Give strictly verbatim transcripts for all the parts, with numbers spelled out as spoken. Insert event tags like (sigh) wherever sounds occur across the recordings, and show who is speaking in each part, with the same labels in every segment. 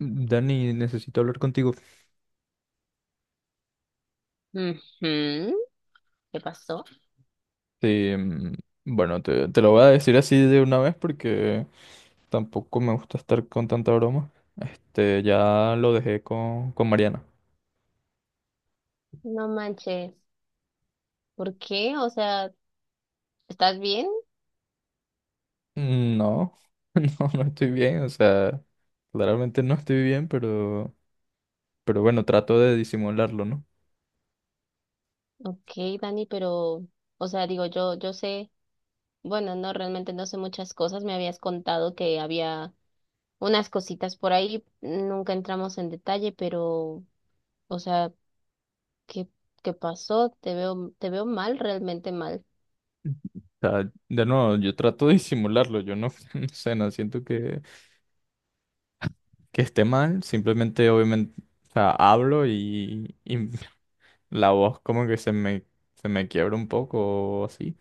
Speaker 1: Dani, necesito hablar contigo.
Speaker 2: Ujú, ¿qué pasó?
Speaker 1: Eh, mm, bueno, te, te lo voy a decir así de una vez porque tampoco me gusta estar con tanta broma. Este, ya lo dejé con, con Mariana.
Speaker 2: No manches. ¿Por qué? O sea, ¿estás bien?
Speaker 1: No, (laughs) no, no estoy bien, o sea, claramente no estoy bien, pero, pero bueno, trato de disimularlo, ¿no?
Speaker 2: Ok, Dani, pero, o sea, digo, yo, yo sé, bueno, no, realmente no sé muchas cosas. Me habías contado que había unas cositas por ahí. Nunca entramos en detalle, pero, o sea, ¿qué, ¿qué pasó? Te veo, te veo mal, realmente mal.
Speaker 1: O sea, de nuevo, yo trato de disimularlo, yo no, (laughs) no sé, no siento que, que esté mal, simplemente obviamente, o sea, hablo y, y (laughs) la voz como que se me, se me quiebra un poco o así,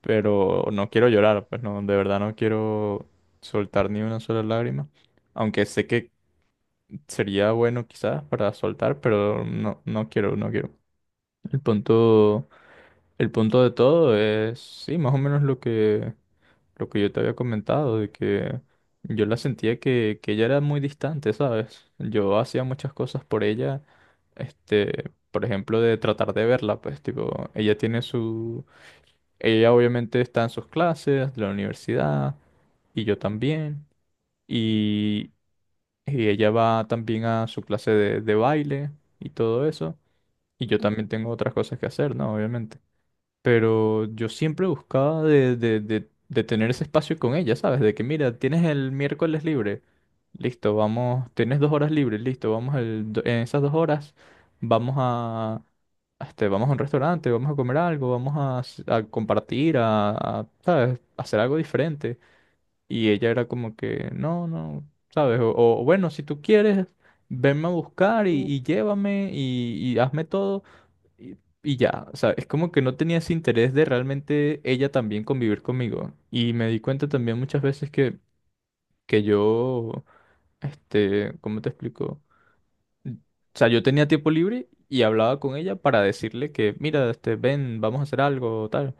Speaker 1: pero no quiero llorar, pues no, de verdad no quiero soltar ni una sola lágrima, aunque sé que sería bueno quizás para soltar, pero no, no quiero, no quiero. El punto, el punto de todo es, sí, más o menos lo que lo que yo te había comentado, de que yo la sentía que, que ella era muy distante, ¿sabes? Yo hacía muchas cosas por ella, este, por ejemplo, de tratar de verla, pues, tipo, ella tiene su... Ella obviamente está en sus clases, de la universidad, y yo también, y, y ella va también a su clase de, de baile y todo eso, y yo también tengo otras cosas que hacer, ¿no? Obviamente. Pero yo siempre buscaba de, de, de, de tener ese espacio con ella, ¿sabes? De que, mira, tienes el miércoles libre, listo, vamos, tienes dos horas libres, listo, vamos el do- en esas dos horas, vamos a, a este, vamos a un restaurante, vamos a comer algo, vamos a, s- a compartir, a, a, ¿sabes? Hacer algo diferente. Y ella era como que, no, no, ¿sabes? O, o, bueno, si tú quieres, venme a buscar y,
Speaker 2: Mm,
Speaker 1: y llévame y, y hazme todo. Y, y ya, o sea, es como que no tenía ese interés de realmente ella también convivir conmigo. Y me di cuenta también muchas veces que, que yo, este, ¿cómo te explico? O sea, yo tenía tiempo libre y hablaba con ella para decirle que, mira, este, ven, vamos a hacer algo, tal.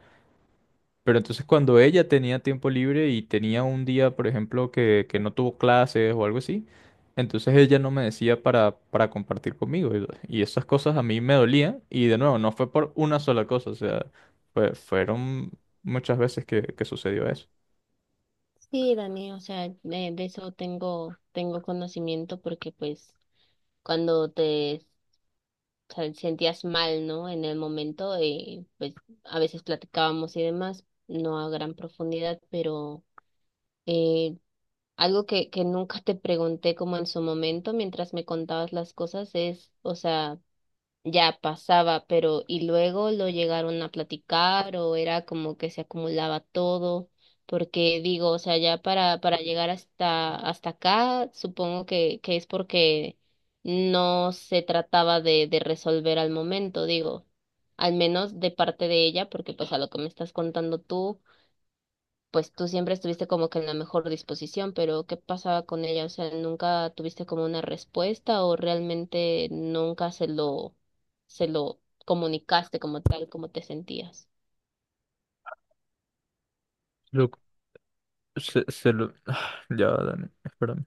Speaker 1: Pero entonces cuando ella tenía tiempo libre y tenía un día, por ejemplo, que, que no tuvo clases o algo así, entonces ella no me decía para, para compartir conmigo. Y, y esas cosas a mí me dolían. Y de nuevo, no fue por una sola cosa. O sea, fue- fueron muchas veces que, que sucedió eso.
Speaker 2: sí, Dani, o sea, de, de eso tengo, tengo conocimiento porque pues cuando te sea, sentías mal, ¿no? En el momento y pues a veces platicábamos y demás, no a gran profundidad, pero eh, algo que, que nunca te pregunté como en su momento mientras me contabas las cosas es, o sea, ya pasaba, pero y luego lo llegaron a platicar o era como que se acumulaba todo, porque digo, o sea, ya para para llegar hasta hasta acá, supongo que que es porque no se trataba de de resolver al momento, digo, al menos de parte de ella, porque pues a lo que me estás contando tú pues tú siempre estuviste como que en la mejor disposición, pero ¿qué pasaba con ella? O sea, ¿nunca tuviste como una respuesta o realmente nunca se lo, se lo comunicaste como tal, como te sentías?
Speaker 1: Lo- se, se lo... (sighs) Ya, Dani, espérame.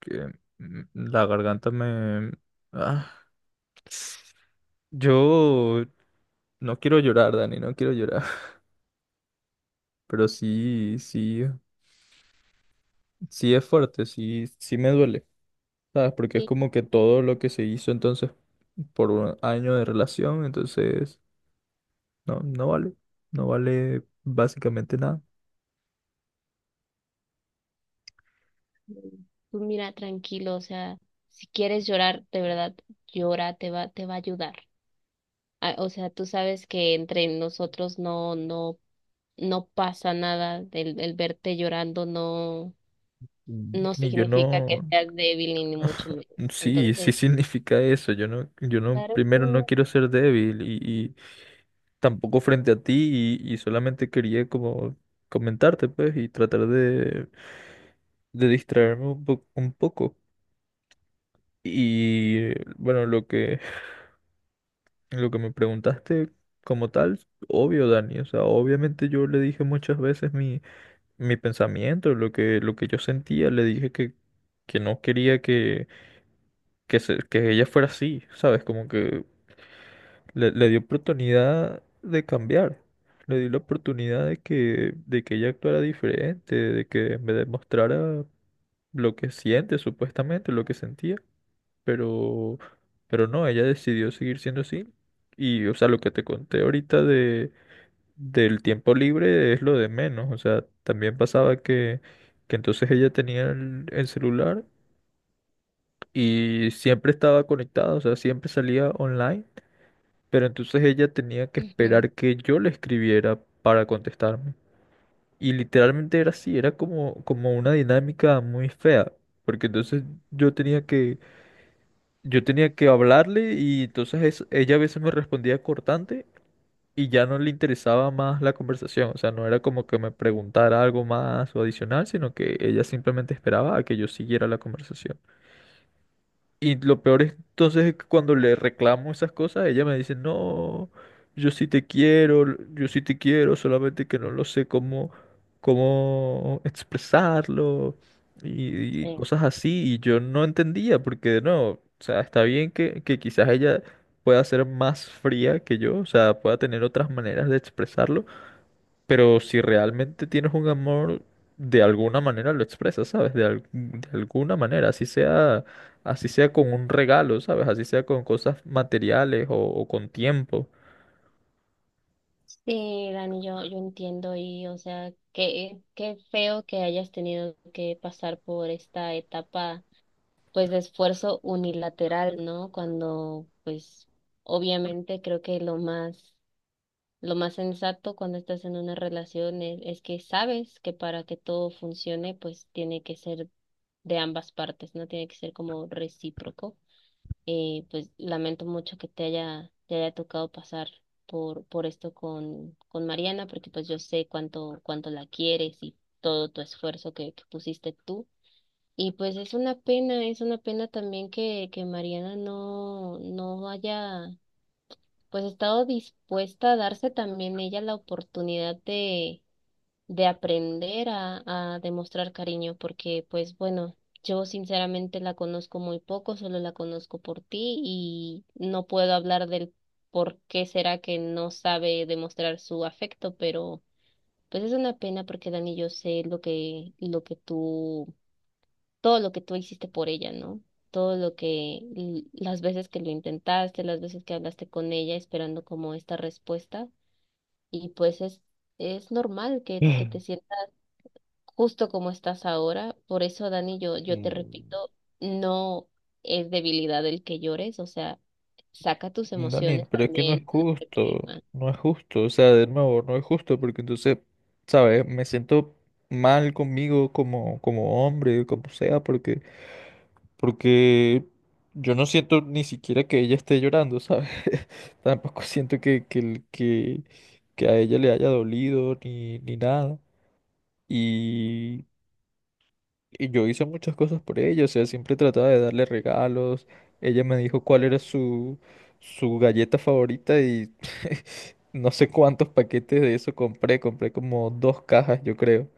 Speaker 1: Que mm, la garganta me... Ah. Yo no quiero llorar, Dani, no quiero llorar. (laughs) Pero sí, sí. Sí es fuerte, sí, sí me duele, ¿sabes? Porque es
Speaker 2: Sí,
Speaker 1: como que
Speaker 2: y
Speaker 1: todo lo que se hizo entonces por un año de relación, entonces no, no vale, no vale básicamente nada.
Speaker 2: tú mira, tranquilo, o sea, si quieres llorar, de verdad, llora, te va, te va a ayudar. Ah, o sea, tú sabes que entre nosotros no, no, no pasa nada, el, el verte llorando no, no
Speaker 1: Y yo
Speaker 2: significa
Speaker 1: no,
Speaker 2: que seas débil ni ni mucho menos.
Speaker 1: sí, sí (laughs)
Speaker 2: Entonces,
Speaker 1: significa eso, yo no, yo no,
Speaker 2: claro que
Speaker 1: primero no
Speaker 2: no.
Speaker 1: quiero ser débil y, y tampoco frente a ti y, y solamente quería como comentarte, pues, y tratar de, de distraerme un po- un poco. Y bueno, lo que... Lo que me preguntaste como tal, obvio, Dani, o sea, obviamente yo le dije muchas veces mi, mi pensamiento, lo que, lo que yo sentía, le dije que, que no quería que, que, se- que ella fuera así, ¿sabes? Como que le, le di oportunidad de cambiar, le di la oportunidad de que, de que ella actuara diferente, de que me demostrara lo que siente, supuestamente, lo que sentía, pero, pero no, ella decidió seguir siendo así. Y, o sea, lo que te conté ahorita del tiempo libre es lo de menos. O sea, también pasaba que, que entonces ella tenía el, el celular y siempre estaba conectada, o sea, siempre salía online, pero entonces ella tenía que
Speaker 2: Ujú.
Speaker 1: esperar que yo le escribiera para contestarme. Y literalmente era así, era como, como una dinámica muy fea, porque entonces yo tenía que, yo tenía que hablarle y entonces es- ella a veces me respondía cortante y ya no le interesaba más la conversación, o sea, no era como que me preguntara algo más o adicional, sino que ella simplemente esperaba a que yo siguiera la conversación. Y lo peor es entonces es que cuando le reclamo esas cosas, ella me dice, no, yo sí te quiero, l- yo sí te quiero, solamente que no lo sé cómo, cómo expresarlo y, y
Speaker 2: Sí.
Speaker 1: cosas así. Y yo no entendía, porque no, o sea, está bien que, que quizás ella pueda ser más fría que yo, o sea, pueda tener otras maneras de expresarlo pero si realmente tienes un amor, de alguna manera lo expresas, ¿sabes? De, al- de alguna manera, así sea, así sea con un regalo, ¿sabes? Así sea con cosas materiales o, o con tiempo.
Speaker 2: Sí, Dani, yo, yo entiendo y, o sea, qué, qué feo que hayas tenido que pasar por esta etapa, pues, de esfuerzo unilateral, ¿no? Cuando, pues, obviamente creo que lo más, lo más sensato cuando estás en una relación es, es que sabes que para que todo funcione, pues, tiene que ser de ambas partes, ¿no? Tiene que ser como recíproco. Y pues lamento mucho que te haya, te haya tocado pasar por, por esto con, con Mariana, porque pues yo sé cuánto, cuánto la quieres y todo tu esfuerzo que, que pusiste tú. Y pues es una pena, es una pena también que, que Mariana no, no haya pues estado dispuesta a darse también ella la oportunidad de de aprender a, a demostrar cariño, porque pues bueno, yo sinceramente la conozco muy poco, solo la conozco por ti y no puedo hablar del por qué será que no sabe demostrar su afecto, pero pues es una pena porque Dani, yo sé lo que, lo que tú, todo lo que tú hiciste por ella, ¿no? Todo lo que, l- las veces que lo intentaste, las veces que hablaste con ella esperando como esta respuesta y pues es, es normal que, que te sientas justo como estás ahora. Por eso, Dani, yo, yo te
Speaker 1: Mm,
Speaker 2: repito, no es debilidad el que llores, o sea, saca tus
Speaker 1: Daniel,
Speaker 2: emociones
Speaker 1: pero es que no es
Speaker 2: también, no las
Speaker 1: justo,
Speaker 2: reprimas.
Speaker 1: no es justo, o sea, de nuevo, no es justo porque entonces, ¿sabes? Me siento mal conmigo como, como hombre, como sea, porque porque yo no siento ni siquiera que ella esté llorando, ¿sabes? (laughs) Tampoco siento que, que, el- que, que a ella le haya dolido ni, ni nada. Y, y yo hice muchas cosas por ella, o sea, siempre trataba de darle regalos. Ella me dijo cuál era su, su galleta favorita y (laughs) no sé cuántos paquetes de eso compré, compré como dos cajas, yo creo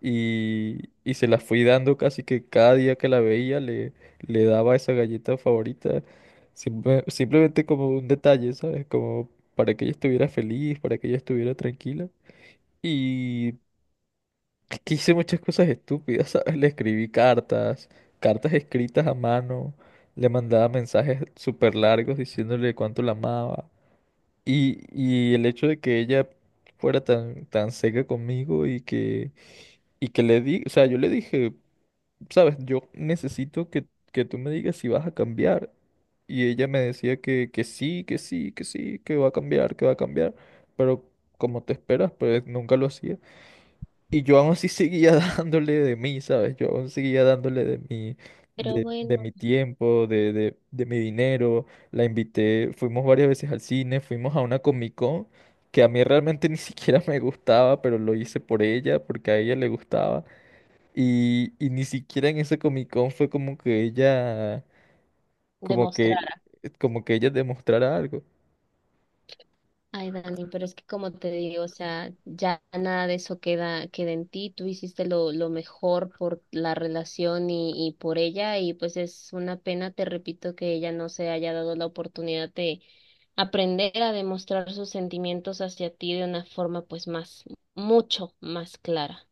Speaker 1: y, y se la fui dando casi que cada día que la veía le, le daba esa galleta favorita, simple- simplemente como un detalle, ¿sabes? Como para que ella estuviera feliz, para que ella estuviera tranquila. Y que hice muchas cosas estúpidas, (laughs) ¿sabes? Le escribí cartas, cartas escritas a mano, le mandaba mensajes súper largos diciéndole cuánto la amaba. Y, y el hecho de que ella fuera tan, tan seca conmigo y que, y que le di, o sea, yo le dije sabes, yo necesito que, que tú me digas si vas a cambiar. Y ella me decía que, que sí, que sí, que sí, que va a cambiar, que va a cambiar. Pero como te esperas, pues nunca lo hacía. Y yo aún así seguía (laughs) dándole de mí, ¿sabes? Yo aún seguía dándole de mi,
Speaker 2: Pero
Speaker 1: de, de
Speaker 2: bueno,
Speaker 1: mi tiempo, de, de, de mi dinero. La invité, fuimos varias veces al cine, fuimos a una Comic Con que a mí realmente (laughs) ni siquiera me gustaba, pero lo hice por ella, porque a ella le gustaba. Y, y ni siquiera en ese Comic Con fue como que ella, como que,
Speaker 2: demostrar.
Speaker 1: como que ella demostrara algo.
Speaker 2: Ay, Dani, pero es que como te digo, o sea, ya nada de eso queda, queda en ti. Tú hiciste lo, lo mejor por la relación y, y por ella, y pues es una pena, te repito, que ella no se haya dado la oportunidad de aprender a demostrar sus sentimientos hacia ti de una forma pues más, mucho más clara.